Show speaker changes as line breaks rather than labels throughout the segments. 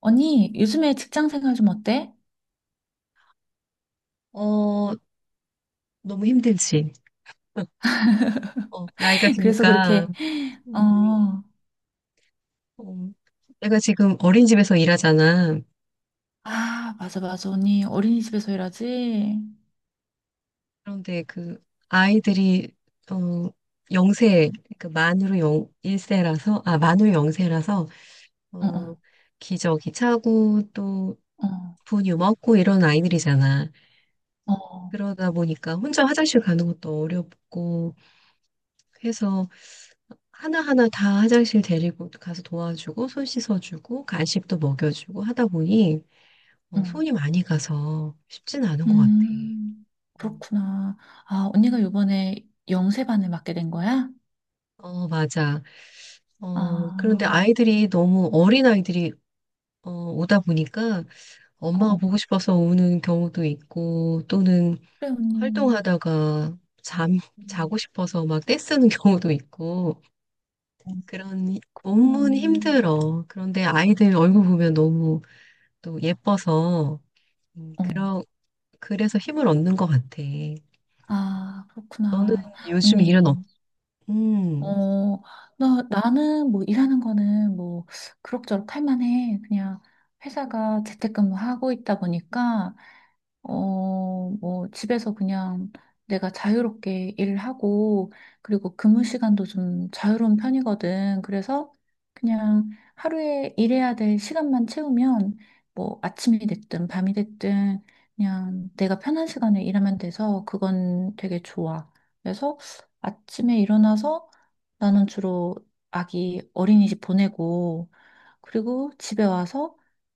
언니, 요즘에 직장 생활 좀 어때?
어, 너무 힘들지. 어, 나이가
그래서
드니까,
그렇게,
음,
어,
어, 내가 지금 어린이집에서 일하잖아.
아, 맞아, 맞아. 언니, 어린이집에서 일하지?
그런데 그 아이들이, 어, 영세, 그 만으로 영, 일세라서, 아, 만으로 영세라서,
어,
어,
어,
기저귀 차고 또 분유 먹고 이런 아이들이잖아.
어, 어,
그러다 보니까 혼자 화장실 가는 것도 어렵고 해서 하나하나 다 화장실 데리고 가서 도와주고 손 씻어주고 간식도 먹여주고 하다 보니
음,
손이 많이 가서 쉽진 않은 것 같아.
음,
음.
그렇구나. 아, 언니가 요번에 영세반을 맡게 된 거야?
어, 맞아. 그런데
아,
아이들이 너무 어린 아이들이 오다 보니까
어,
엄마가
어.
보고 싶어서 우는 경우도 있고 또는
그래, 언니.
활동하다가 잠, 자고
음,
싶어서 막 떼쓰는 경우도 있고
어,
그런 몸은
그렇구나.
힘들어. 그런데 아이들 얼굴 보면 너무 또 예뻐서 음,
어.
그러, 그래서 힘을 얻는 것 같아.
아,
너는
그렇구나.
요즘 일은 없,
언니.
음,
어, 나는 뭐 일하는 거는 뭐 그럭저럭 할 만해. 그냥 회사가 재택근무하고 있다 보니까 어, 뭐, 집에서 그냥 내가 자유롭게 일하고, 그리고 근무 시간도 좀 자유로운 편이거든. 그래서 그냥 하루에 일해야 될 시간만 채우면, 뭐, 아침이 됐든 밤이 됐든, 그냥 내가 편한 시간에 일하면 돼서 그건 되게 좋아. 그래서 아침에 일어나서 나는 주로 아기 어린이집 보내고, 그리고 집에 와서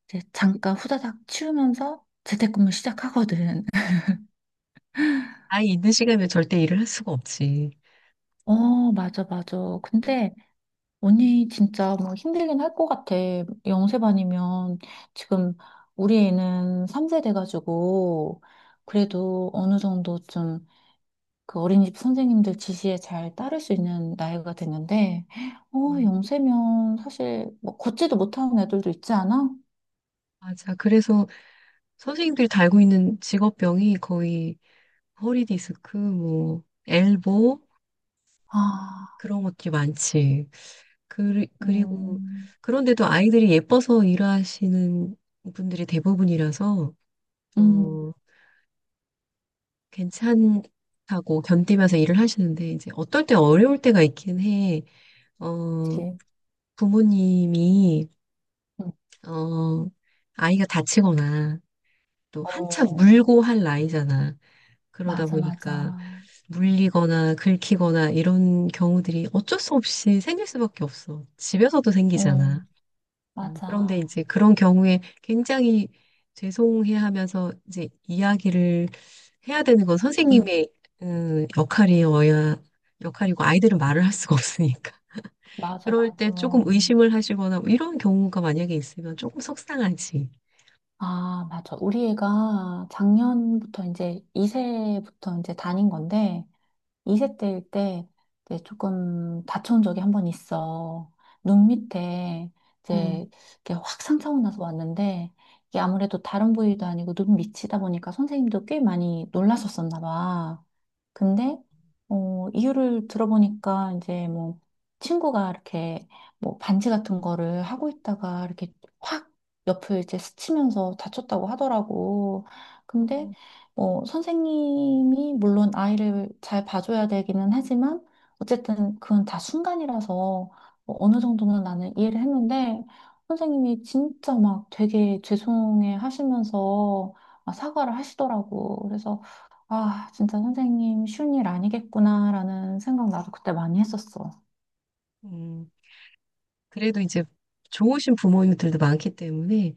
이제 잠깐 후다닥 치우면서 재택근무 시작하거든.
아이 있는 시간에 절대 일을 할 수가 없지.
어, 맞아, 맞아. 근데 언니 진짜 뭐 힘들긴 할 것 같아. 영세반이면 지금 우리 애는 3세 돼가지고 그래도 어느 정도 좀 그 어린이집 선생님들 지시에 잘 따를 수 있는 나이가 됐는데, 어,
음.
영세면 사실 뭐 걷지도 못하는 애들도 있지 않아?
맞아. 그래서 선생님들이 달고 있는 직업병이 거의 허리 디스크, 뭐, 엘보,
아,
그런 것들이 많지. 그리고,
음,
그런데도 아이들이 예뻐서 일하시는 분들이 대부분이라서,
음,
어, 괜찮다고 견디면서 일을 하시는데, 이제 어떨 때 어려울 때가 있긴 해. 어,
그치.
부모님이,
음.
어, 아이가 다치거나 또 한참
어,
물고 할 나이잖아. 그러다
맞아,
보니까
맞아.
물리거나 긁히거나 이런 경우들이 어쩔 수 없이 생길 수밖에 없어. 집에서도 생기잖아.
어,
그런데
맞아.
이제 그런 경우에 굉장히 죄송해 하면서 이제 이야기를 해야 되는 건
응,
선생님의 음, 역할이어야, 역할이고 아이들은 말을 할 수가 없으니까.
맞아,
그럴
맞아.
때 조금 의심을 하시거나 뭐 이런 경우가 만약에 있으면 조금 속상하지.
아, 맞아. 우리 애가 작년부터 이제 2세부터 이제 다닌 건데, 2세 때일 때 이제 조금 다쳐온 적이 한 번 있어. 눈 밑에
음,
이제 이렇게 확 상처가 나서 왔는데, 이게 아무래도 다른 부위도 아니고 눈 밑이다 보니까 선생님도 꽤 많이 놀라셨었나 봐. 근데 어, 이유를 들어보니까 이제 뭐 친구가 이렇게 뭐 반지 같은 거를 하고 있다가 이렇게 확 옆을 이제 스치면서 다쳤다고 하더라고. 근데
어.
어, 선생님이 물론 아이를 잘 봐줘야 되기는 하지만 어쨌든 그건 다 순간이라서 뭐 어느 정도는 나는 이해를 했는데 선생님이 진짜 막 되게 죄송해 하시면서 막 사과를 하시더라고. 그래서 아, 진짜 선생님 쉬운 일 아니겠구나라는 생각 나도 그때 많이 했었어.
음, 그래도 이제 좋으신 부모님들도 많기 때문에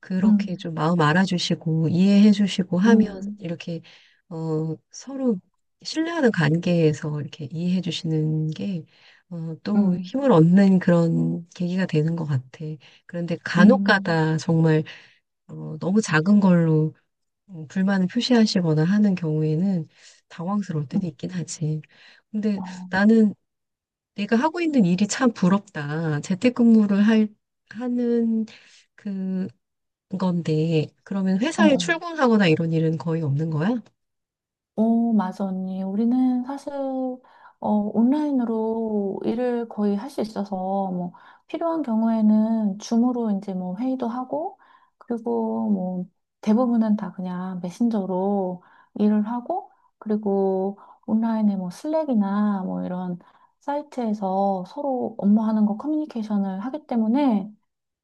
그렇게
응,
좀 마음 알아주시고 이해해주시고 하면
응,
이렇게 서로 신뢰하는 관계에서 이렇게 이해해주시는 게 또
응,
힘을 얻는 그런 계기가 되는 것 같아. 그런데 간혹
응,
가다 정말 너무 작은 걸로 불만을 표시하시거나 하는 경우에는 당황스러울
응.
때도 있긴 하지. 근데
어,
나는 내가 하고 있는 일이 참 부럽다. 재택근무를 하는 그 건데, 그러면
어,
회사에
어.
출근하거나 이런 일은 거의 없는 거야?
오, 맞아, 언니. 우리는 사실, 어, 온라인으로 일을 거의 할 수 있어서, 뭐, 필요한 경우에는 줌으로 이제 뭐 회의도 하고, 그리고 뭐, 대부분은 다 그냥 메신저로 일을 하고, 그리고 온라인에 뭐 슬랙이나 뭐 이런 사이트에서 서로 업무하는 거 커뮤니케이션을 하기 때문에,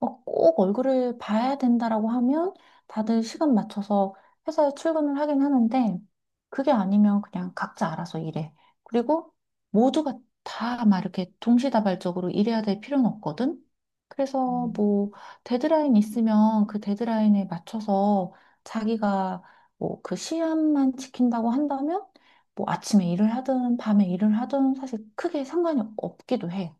어, 꼭 얼굴을 봐야 된다라고 하면 다들 시간 맞춰서 회사에 출근을 하긴 하는데 그게 아니면 그냥 각자 알아서 일해. 그리고 모두가 다 막 이렇게 동시다발적으로 일해야 될 필요는 없거든. 그래서 뭐 데드라인 있으면 그 데드라인에 맞춰서 자기가 뭐 그 시간만 지킨다고 한다면 뭐 아침에 일을 하든 밤에 일을 하든 사실 크게 상관이 없기도 해.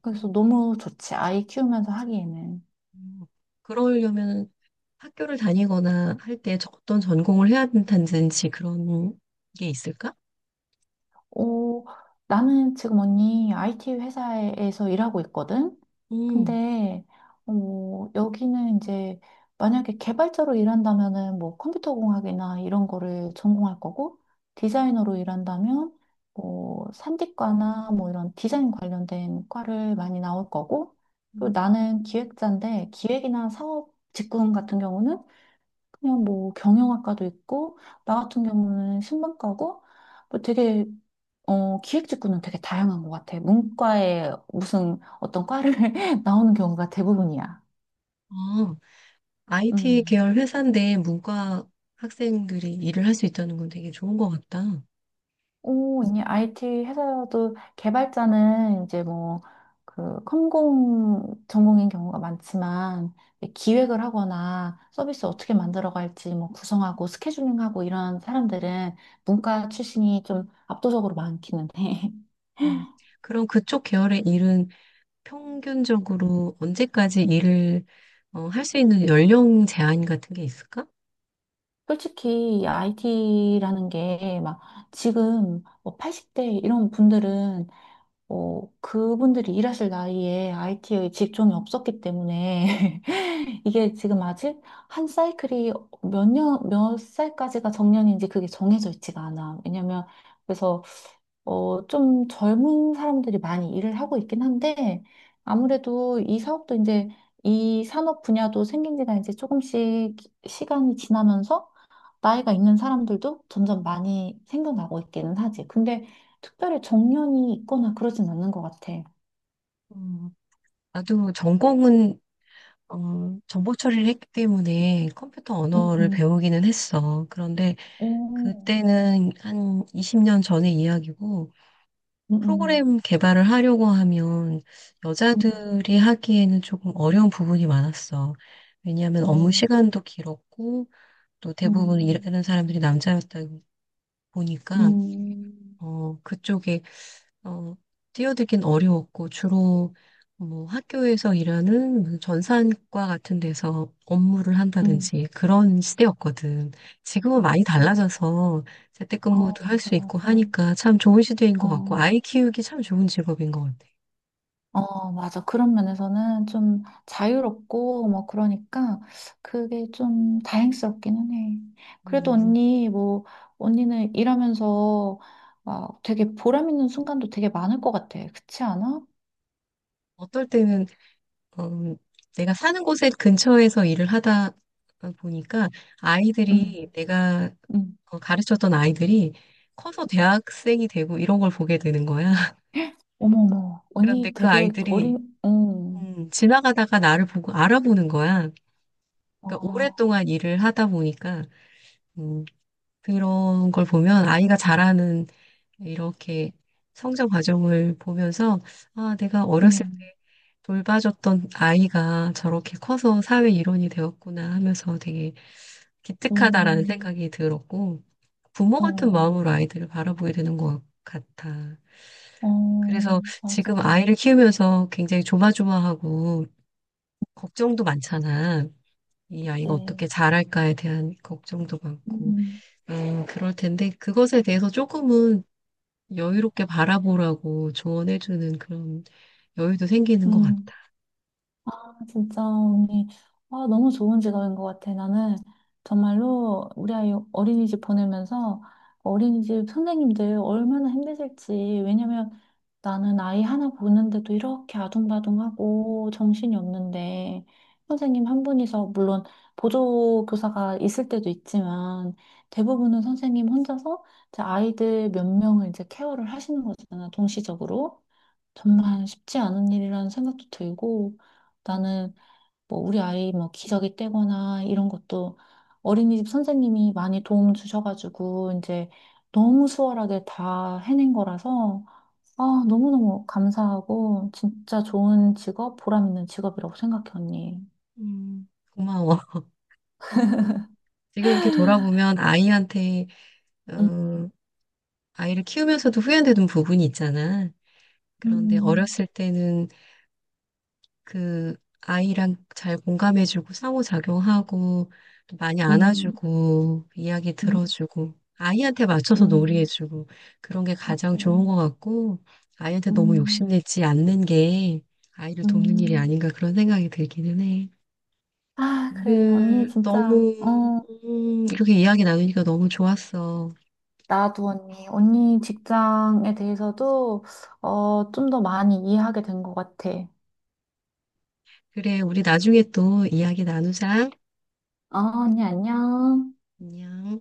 그래서 너무 좋지. 아이 키우면서 하기에는.
음, 그러려면 학교를 다니거나 할 때 어떤 전공을 해야 된다든지 그런 게 있을까?
어, 나는 지금 언니 IT 회사에서 일하고 있거든?
음.
근데, 어, 여기는 이제 만약에 개발자로 일한다면은 뭐 컴퓨터 공학이나 이런 거를 전공할 거고, 디자이너로 일한다면 뭐 산디과나 뭐 이런 디자인 관련된 과를 많이 나올 거고, 그리고 나는 기획자인데 기획이나 사업 직군 같은 경우는 그냥 뭐 경영학과도 있고 나 같은 경우는 신문과고 뭐 되게 어 기획 직군은 되게 다양한 것 같아. 문과에 무슨 어떤 과를 나오는 경우가 대부분이야.
음. IT
음.
계열 회사인데 문과 학생들이 일을 할 수 있다는 건 되게 좋은 것 같다.
오, 이제 IT 회사도 개발자는 이제 뭐 그 컴공 전공인 경우가 많지만 기획을 하거나 서비스 어떻게 만들어갈지 뭐 구성하고 스케줄링하고 이런 사람들은 문과 출신이 좀 압도적으로 많기는 해.
음, 그럼 그쪽 계열의 일은 평균적으로 언제까지 일을 할수 있는 연령 제한 같은 게 있을까?
솔직히 IT라는 게 막 지금 뭐 80대 이런 분들은 뭐 그분들이 일하실 나이에 IT의 직종이 없었기 때문에 이게 지금 아직 한 사이클이 몇 년, 몇 살까지가 정년인지 그게 정해져 있지가 않아. 왜냐면 그래서 어, 좀 젊은 사람들이 많이 일을 하고 있긴 한데 아무래도 이 사업도 이제 이 산업 분야도 생긴 지가 이제 조금씩 시간이 지나면서 나이가 있는 사람들도 점점 많이 생겨나고 있기는 하지. 근데 특별히 정년이 있거나 그러진 않는 것 같아.
어, 나도 전공은 정보 처리를 했기 때문에 컴퓨터
음,
언어를
음.
배우기는 했어. 그런데
오,
그때는 한 20년 전의 이야기고
음, 음,
프로그램 개발을 하려고 하면
음,
여자들이 하기에는 조금 어려운 부분이 많았어. 왜냐하면 업무
오,
시간도 길었고 또 대부분
음,
일하는 사람들이 남자였다 보니까
음,
그쪽에 어, 뛰어들긴 어려웠고 주로 뭐 학교에서 일하는 무슨 전산과 같은 데서 업무를
음.
한다든지 그런 시대였거든. 지금은 많이 달라져서 재택근무도
어,
할
맞아,
수 있고
맞아.
하니까 참 좋은 시대인 것 같고
어.
아이 키우기 참 좋은 직업인 것 같아.
어, 맞아. 그런 면에서는 좀 자유롭고, 뭐, 그러니까, 그게 좀 다행스럽기는 해. 그래도
음,
언니, 뭐, 언니는 일하면서 막 되게 보람 있는 순간도 되게 많을 것 같아. 그렇지 않아?
어떨 때는 음, 내가 사는 곳에 근처에서 일을 하다 보니까
응,
아이들이 내가
응.
가르쳤던 아이들이 커서
응.
대학생이 되고 이런 걸 보게 되는 거야.
어머, 어머.
그런데
언니
그
되게
아이들이
어린, 응,
지나가다가 나를 보고 알아보는 거야. 그러니까
어,
오랫동안 일을 하다 보니까 음, 그런 걸 보면 아이가 자라는 이렇게 성장 과정을 보면서, 아, 내가 어렸을
응,
때 돌봐줬던 아이가 저렇게 커서 사회 일원이 되었구나 하면서 되게 기특하다라는
응,
생각이 들었고, 부모 같은
어,
마음으로 아이들을 바라보게 되는 것 같아.
어,
그래서
맞아.
지금 아이를 키우면서 굉장히 조마조마하고, 걱정도 많잖아. 이 아이가
그치.
어떻게 자랄까에 대한 걱정도 많고,
응,
그럴 텐데, 그것에 대해서 조금은 여유롭게 바라보라고 조언해주는 그런 여유도 생기는 것 같다.
응. 진짜 언니 아, 너무 좋은 직업인 것 같아. 나는 정말로 우리 아이 어린이집 보내면서 어린이집 선생님들 얼마나 힘드실지. 왜냐면 나는 아이 하나 보는데도 이렇게 아둥바둥하고 정신이 없는데 선생님 한 분이서 물론 보조교사가 있을 때도 있지만 대부분은 선생님 혼자서 이제 아이들 몇 명을 이제 케어를 하시는 거잖아. 동시적으로. 정말 쉽지 않은 일이라는 생각도 들고
음,
나는 뭐 우리 아이 뭐 기저귀 떼거나 이런 것도 어린이집 선생님이 많이 도움 주셔가지고 이제 너무 수월하게 다 해낸 거라서 아, 너무너무 감사하고 진짜 좋은 직업, 보람 있는 직업이라고 생각해, 언니.
고마워. 지금 이렇게 돌아보면 아이한테,
음,
어, 아이를 키우면서도 후회되는 부분이 있잖아. 그런데
음,
어렸을 때는 그 아이랑 잘 공감해주고 상호작용하고 또 많이
음,
안아주고 이야기
음,
들어주고 아이한테 맞춰서
음,
놀이해주고 그런 게 가장 좋은 것
맞아.
같고 아이한테 너무
음,
욕심내지 않는 게 아이를 돕는 일이
음.
아닌가 그런 생각이 들기는 해.
아, 그래. 언니
오늘
진짜,
너무
어,
이렇게 이야기 나누니까 너무 좋았어.
나도 언니. 언니 직장에 대해서도, 어, 좀 더 많이 이해하게 된 것 같아.
그래, 우리 나중에 또 이야기 나누자.
어, 언니, 안녕.
안녕.